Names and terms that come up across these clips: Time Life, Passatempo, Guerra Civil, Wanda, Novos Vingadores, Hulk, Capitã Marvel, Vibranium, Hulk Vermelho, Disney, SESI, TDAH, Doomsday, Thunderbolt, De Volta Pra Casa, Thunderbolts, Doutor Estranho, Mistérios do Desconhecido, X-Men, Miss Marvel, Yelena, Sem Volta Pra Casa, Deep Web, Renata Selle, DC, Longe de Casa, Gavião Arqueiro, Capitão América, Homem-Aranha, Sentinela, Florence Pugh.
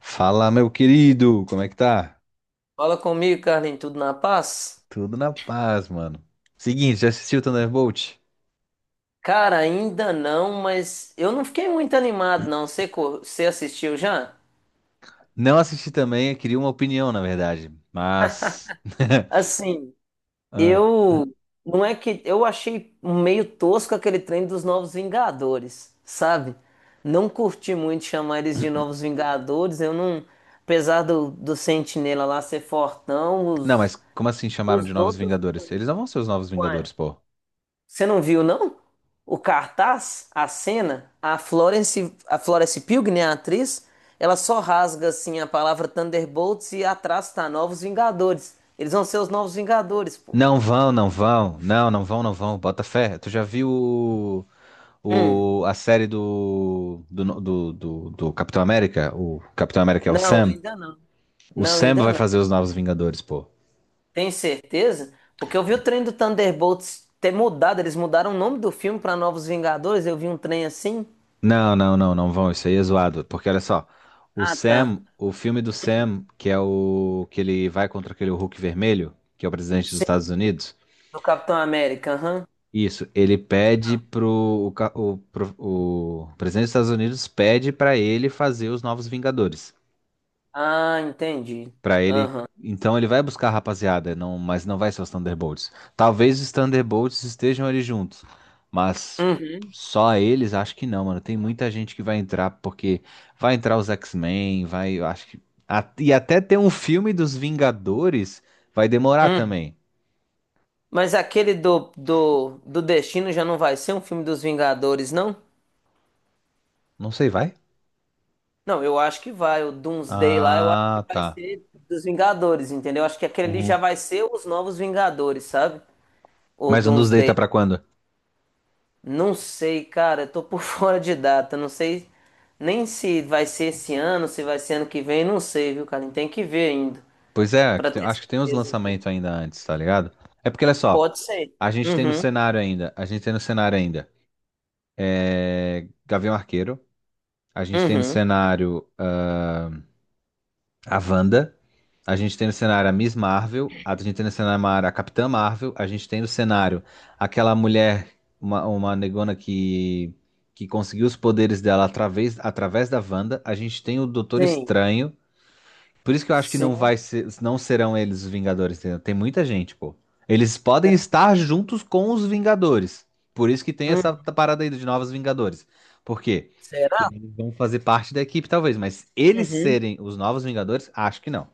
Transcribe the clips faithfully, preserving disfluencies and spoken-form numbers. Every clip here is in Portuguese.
Fala, meu querido, como é que tá? Fala comigo, Carlinhos, tudo na paz? Tudo na paz, mano. Seguinte, já assistiu Thunderbolt? Cara, ainda não, mas eu não fiquei muito animado, não. Você, co- você assistiu já? Não assisti também, eu queria uma opinião, na verdade. Mas. Assim, Ah. eu. Não é que. Eu achei um meio tosco aquele trem dos Novos Vingadores, sabe? Não curti muito chamar eles de Novos Vingadores. Eu não. Apesar do, do Sentinela lá ser fortão, Não, os, mas como assim chamaram de os Novos outros. Vingadores? Eles não vão ser os Novos Vingadores, pô. Você não viu, não? O cartaz, a cena, a Florence, a Florence Pugh, né, a atriz, ela só rasga assim a palavra Thunderbolts e atrás tá Novos Vingadores. Eles vão ser os Novos Vingadores, pô. Não vão, não vão. Não, não vão, não vão. Bota fé. Tu já viu o, Hum, o- a série do, do, no- do, do, do Capitão América? O Capitão América é o não, Sam. ainda não. O Não, Sam ainda vai não. fazer os Novos Vingadores, pô. Tem certeza? Porque eu vi o trem do Thunderbolts ter mudado, eles mudaram o nome do filme pra Novos Vingadores, eu vi um trem assim. Não, não, não, não vão. Isso aí é zoado. Porque olha só, o Ah, tá. Sam, o filme do Sam, que é o que ele vai contra aquele Hulk vermelho, que é o presidente dos Estados Sim, Unidos. do Capitão América, aham. Isso, ele pede pro o, ca- o, pro- o presidente dos Estados Unidos pede pra ele fazer os novos Vingadores. Ah, entendi. Pra ele, Aham. então ele vai buscar a rapaziada, não, mas não vai ser os Thunderbolts. Talvez os Thunderbolts estejam ali juntos, mas Uhum. só eles acho que não, mano. Tem muita gente que vai entrar porque vai entrar os X-Men, vai, eu acho que a- e até ter um filme dos Vingadores vai demorar Uhum. também. Mas aquele do, do, do Destino já não vai ser um filme dos Vingadores, não? Não sei, vai? Não, eu acho que vai. O Doomsday lá, eu acho que Ah, vai tá. ser dos Vingadores, entendeu? Acho que aquele ali já Uhum. vai ser os novos Vingadores, sabe? O Mas um dos Day tá Doomsday. pra quando? Não sei, cara. Eu tô por fora de data. Não sei nem se vai ser esse ano, se vai ser ano que vem. Não sei, viu, cara? Tem que ver ainda, Pois é, que pra tem- ter acho que tem uns certeza. lançamentos ainda antes, tá ligado? É porque, olha só, Pode ser. a gente tem no Uhum, cenário ainda, a gente tem no cenário ainda. É, Gavião Arqueiro. A gente tem no uhum. cenário ah, a Wanda. A gente tem no cenário a Miss Marvel. A gente tem no cenário a Capitã Marvel. A gente tem no cenário aquela mulher, uma, uma negona que, que conseguiu os poderes dela através, através da Wanda. A gente tem o Doutor Sim, Estranho. Por isso que eu acho que não sim. vai ser, não serão eles os Vingadores, entendeu? Tem muita gente, pô. Eles podem estar juntos com os Vingadores. Por isso que tem essa Uhum. parada aí de novos Vingadores. Por quê? Porque Será? eles vão fazer parte da equipe, talvez, mas eles Uhum. serem os novos Vingadores, acho que não.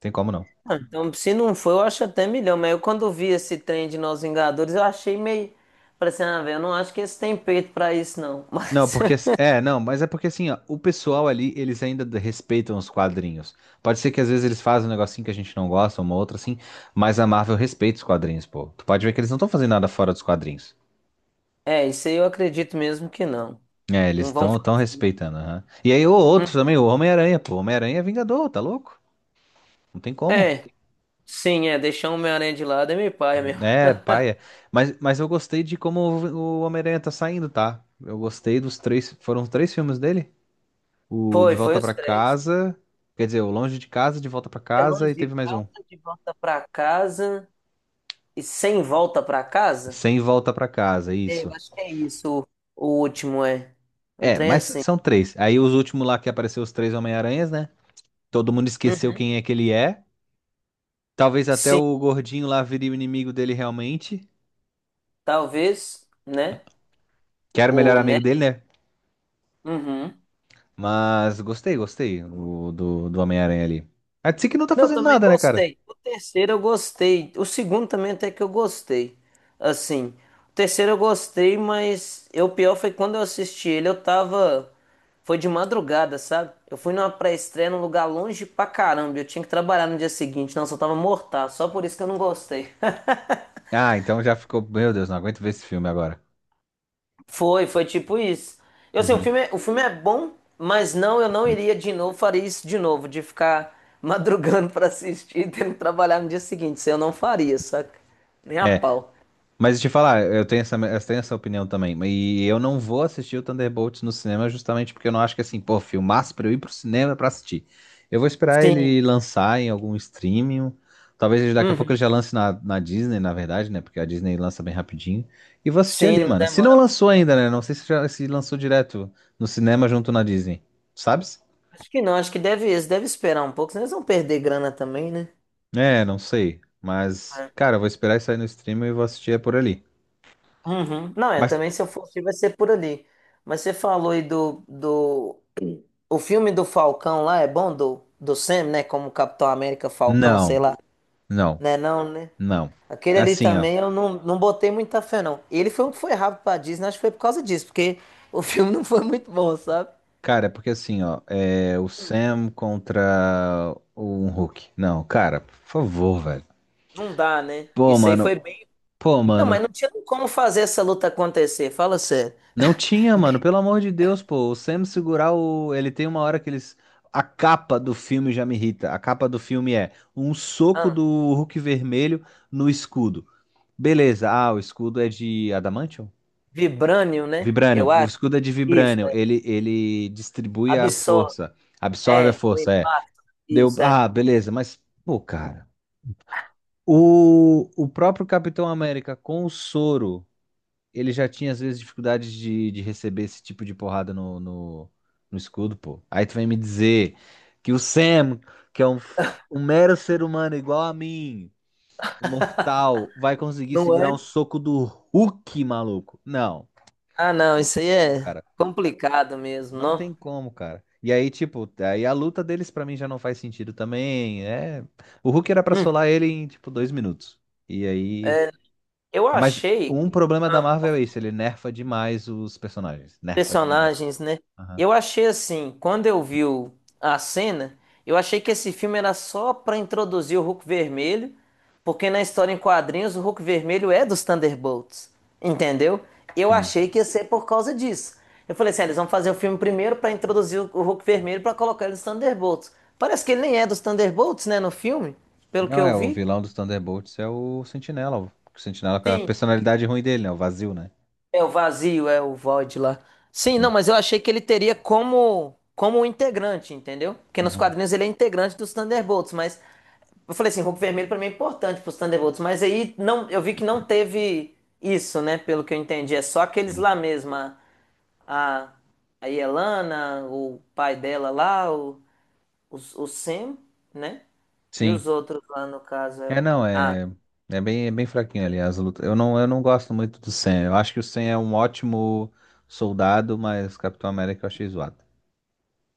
Tem como não. Ah, então, se não foi, eu acho até milhão. Mas eu, quando vi esse trem de Nós Vingadores, eu achei meio. Falei assim, ah, velho, eu não acho que eles têm peito pra isso, não. Não, Mas, porque. É, não, mas é porque assim, ó, o pessoal ali, eles ainda d- respeitam os quadrinhos. Pode ser que às vezes eles fazem um negocinho que a gente não gosta, uma outra assim, mas a Marvel respeita os quadrinhos, pô. Tu pode ver que eles não estão fazendo nada fora dos quadrinhos. é, isso aí eu acredito mesmo que não. É, eles Não vão. estão fa- tão tão respeitando, aham. E aí o Hum, outro também, o Homem-Aranha, pô. Homem-Aranha é Vingador, tá louco? Não tem como. É, sim, é. Deixar o Homem-Aranha de lado é meio paia mesmo. É, paia. Mas, mas eu gostei de como o o Homem-Aranha tá saindo, tá? Eu gostei dos três, foram os três filmes dele? O De Foi, foi Volta os Pra três. Casa, quer dizer, o Longe de Casa, De Volta Pra É longe Casa e teve de mais um. casa, de volta pra casa e sem volta pra E casa? Sem Volta Pra Casa, É, eu isso. acho que é isso. O, o último é. Um É, trem mas assim. são três. Aí os últimos lá que apareceu os três Homem-Aranhas, né? Todo mundo esqueceu Uhum. quem é que ele é. Talvez até Sim, o gordinho lá vire o inimigo dele realmente. talvez, né? Que era o melhor O, né? amigo dele, né? Uhum. Mas gostei, gostei o, do, do Homem-Aranha ali. A D C que não tá Não, eu fazendo também nada, né, cara? gostei. O terceiro eu gostei. O segundo também até que eu gostei. Assim, o terceiro eu gostei, mas eu, o pior foi quando eu assisti ele, eu tava. Foi de madrugada, sabe? Eu fui numa pré-estreia num lugar longe pra caramba. Eu tinha que trabalhar no dia seguinte. Não, eu só tava mortal. Só por isso que eu não gostei. Ah, então já ficou. Meu Deus, não aguento ver esse filme agora. Foi, foi tipo isso. Eu sei, o Uhum. filme, é- o filme é bom, mas não, eu não iria de novo, faria isso de novo, de ficar madrugando pra assistir e tendo que trabalhar no dia seguinte. Isso eu não faria, saca? Nem a É. pau. Mas te falar, eu tenho essa, eu tenho essa opinião também. E eu não vou assistir o Thunderbolts no cinema justamente porque eu não acho que assim, pô, filmaço pra eu ir pro cinema pra assistir. Eu vou esperar ele Sim. lançar em algum streaming. Talvez ele- daqui a pouco ele Uhum. já lance na, na Disney, na verdade, né? Porque a Disney lança bem rapidinho. E vou assistir Sim, ali, não mano. Se não demora muito. lançou ainda, né? Não sei se já se lançou direto no cinema junto na Disney. Sabes? Acho que não, acho que deve, eles devem esperar um pouco, senão eles vão perder grana também, né? É, não sei. Mas, É. cara, eu vou esperar isso aí no streaming e vou assistir é por ali. Uhum. Não, é, Mas, também se eu fosse, vai ser por ali. Mas você falou aí do, do... O filme do Falcão lá é bom? Do, do Sam, né? Como Capitão América Falcão, sei não, lá. não, Né não, né? não. Aquele É ali assim, ó. também eu não, não botei muita fé, não. Ele foi um que foi rápido pra Disney, acho que foi por causa disso, porque o filme não foi muito bom, sabe? Cara, é porque assim, ó, é o Sam contra um Hulk. Não, cara, por favor, velho. Não dá, né? Pô, Isso aí mano, foi bem. pô, Não, mas mano, não tinha como fazer essa luta acontecer, fala sério. não tinha, mano, pelo amor de Deus, pô, o Sam segurar o. Ele tem uma hora que eles. A capa do filme já me irrita. A capa do filme é um soco Ah, do Hulk vermelho no escudo. Beleza, ah, o escudo é de Adamantium? Vibranium, né? Vibranium, Eu o acho. escudo é de Isso, Vibranium. é. Ele, ele distribui a Absorve. força, absorve a É, o força, é. impacto. Deu, Isso, é. ah, beleza, mas, pô, cara. O, o próprio Capitão América com o soro, ele já tinha às vezes dificuldades de, de receber esse tipo de porrada no, no, no escudo, pô. Aí tu vem me dizer que o Sam, que é um, um mero ser humano igual a mim, um mortal, vai conseguir Não segurar um é? soco do Hulk, maluco. Não, Ah, não não, tem isso aí como, é cara. complicado mesmo, Não não? tem como, cara. E aí, tipo, aí a luta deles pra mim já não faz sentido também. É, o Hulk era pra Hum, solar ele em, tipo, dois minutos. E aí. eu Mas achei. um problema da Marvel é isso, ele nerfa demais os personagens. Nerfa demais. Personagens, né? Aham. Eu achei assim, quando eu vi o- a cena, eu achei que esse filme era só pra introduzir o Hulk Vermelho, porque na história em quadrinhos o Hulk Vermelho é dos Thunderbolts, entendeu? Eu Sim. achei que ia ser por causa disso. Eu falei assim, ah, eles vão fazer o filme primeiro pra introduzir o o Hulk Vermelho pra colocar ele nos Thunderbolts. Parece que ele nem é dos Thunderbolts, né, no filme, pelo que Não, eu é, o vi. vilão dos Thunderbolts é o Sentinela. O Sentinela com a Sim. personalidade ruim dele, né? O vazio, né? É o vazio, é o void lá. Sim, não, Sim. mas eu achei que ele teria como como um integrante, entendeu? Porque nos Uhum. quadrinhos ele é integrante dos Thunderbolts, mas eu falei assim, Hulk Vermelho pra mim é importante pros Thunderbolts, mas aí não, eu vi que não teve isso, né, pelo que eu entendi, é só aqueles Sim. lá mesmo, a a, a Yelena, o pai dela lá, o, o, o Sam, né? E os Sim. outros lá no caso é É, o. não, é. É bem, é bem fraquinho ali as lutas. Eu não, eu não gosto muito do Sam. Eu acho que o Sam é um ótimo soldado, mas Capitão América eu achei zoado.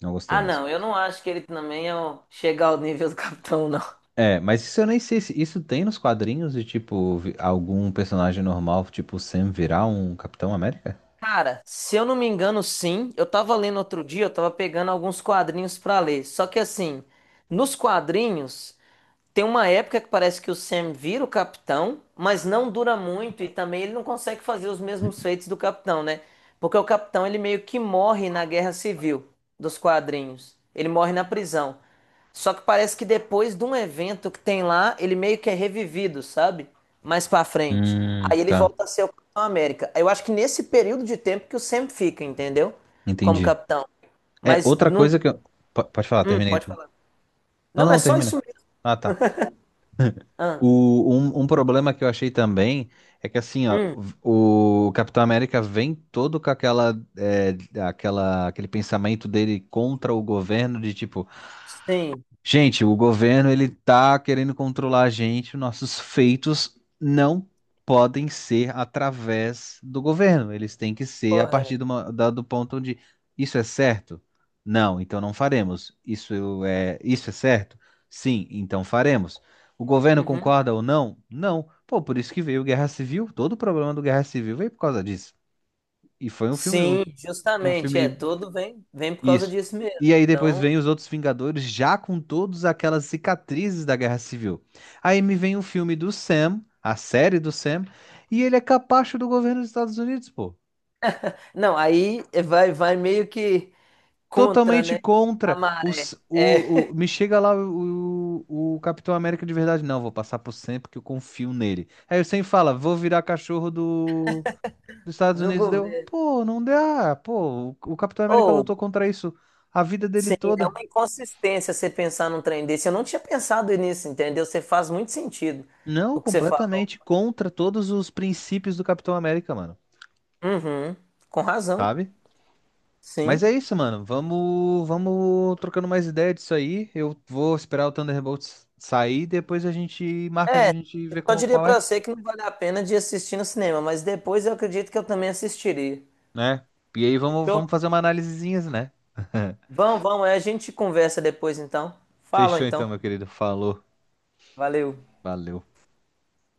Não gostei Ah, mesmo. não, eu não acho que ele também é o... chega ao nível do Capitão, não. É, mas isso eu nem sei se isso tem nos quadrinhos de tipo vi- algum personagem normal, tipo Sam virar um Capitão América? Cara, se eu não me engano, sim. Eu tava lendo outro dia, eu tava pegando alguns quadrinhos pra ler. Só que assim, nos quadrinhos. Tem uma época que parece que o Sam vira o capitão, mas não dura muito e também ele não consegue fazer os mesmos feitos do capitão, né? Porque o capitão ele meio que morre na Guerra Civil dos quadrinhos. Ele morre na prisão. Só que parece que depois de um evento que tem lá, ele meio que é revivido, sabe? Mais pra frente. Aí Hum, ele tá. volta a ser o Capitão América. Eu acho que nesse período de tempo que o Sam fica, entendeu? Como Entendi. capitão. É, Mas outra não. coisa que eu. po- Pode falar, Hum, terminei pode tu. falar. Não, Não, é não, só isso termina. mesmo. Ah, tá. Ah, O, um, um problema que eu achei também é que assim, ó, hum, v- o Capitão América vem todo com aquela, é, aquela, aquele pensamento dele contra o governo de tipo. sim. Gente, o governo ele tá querendo controlar a gente, nossos feitos não podem ser através do governo, eles têm que ser a partir Correto. do, mo- da- do ponto onde isso é certo? Não, então não faremos. Isso é, isso é certo? Sim, então faremos. O governo Uhum. concorda ou não? Não. Pô, por isso que veio Guerra Civil, todo o problema do Guerra Civil veio por causa disso. E foi um filme, um, Sim, um justamente, é, filme todo vem, vem por causa isso. disso mesmo. E aí depois Então, vem os outros Vingadores já com todas aquelas cicatrizes da Guerra Civil. Aí me vem o filme do Sam, a série do Sam, e ele é capacho do governo dos Estados Unidos, pô. não, aí vai, vai meio que contra, Totalmente né, a contra maré os, o, é, o- me chega lá o, o, o Capitão América de verdade. Não, vou passar por Sam porque eu confio nele. Aí o Sam fala, vou virar cachorro do, dos Estados do Unidos. Deu, governo. pô, não dá, pô, o, o Capitão América Ou, lutou contra isso a vida dele sim, é toda. uma inconsistência você pensar num trem desse. Eu não tinha pensado nisso, entendeu? Você faz muito sentido Não, o que você falou. completamente contra todos os princípios do Capitão América, mano. Uhum, com razão, Sabe? Mas sim. é isso, mano. Vamos, vamos trocando mais ideia disso aí. Eu vou esperar o Thunderbolts sair, depois a gente marca de a É, gente eu ver só como, diria qual pra é, você que não vale a pena de assistir no cinema, mas depois eu acredito que eu também assistiria. né? E aí vamos, Fechou? vamos fazer uma análisezinha, né? Vamos, vamos, aí a gente conversa depois então. Fala Fechou então, então. meu querido. Falou. Valeu. Valeu.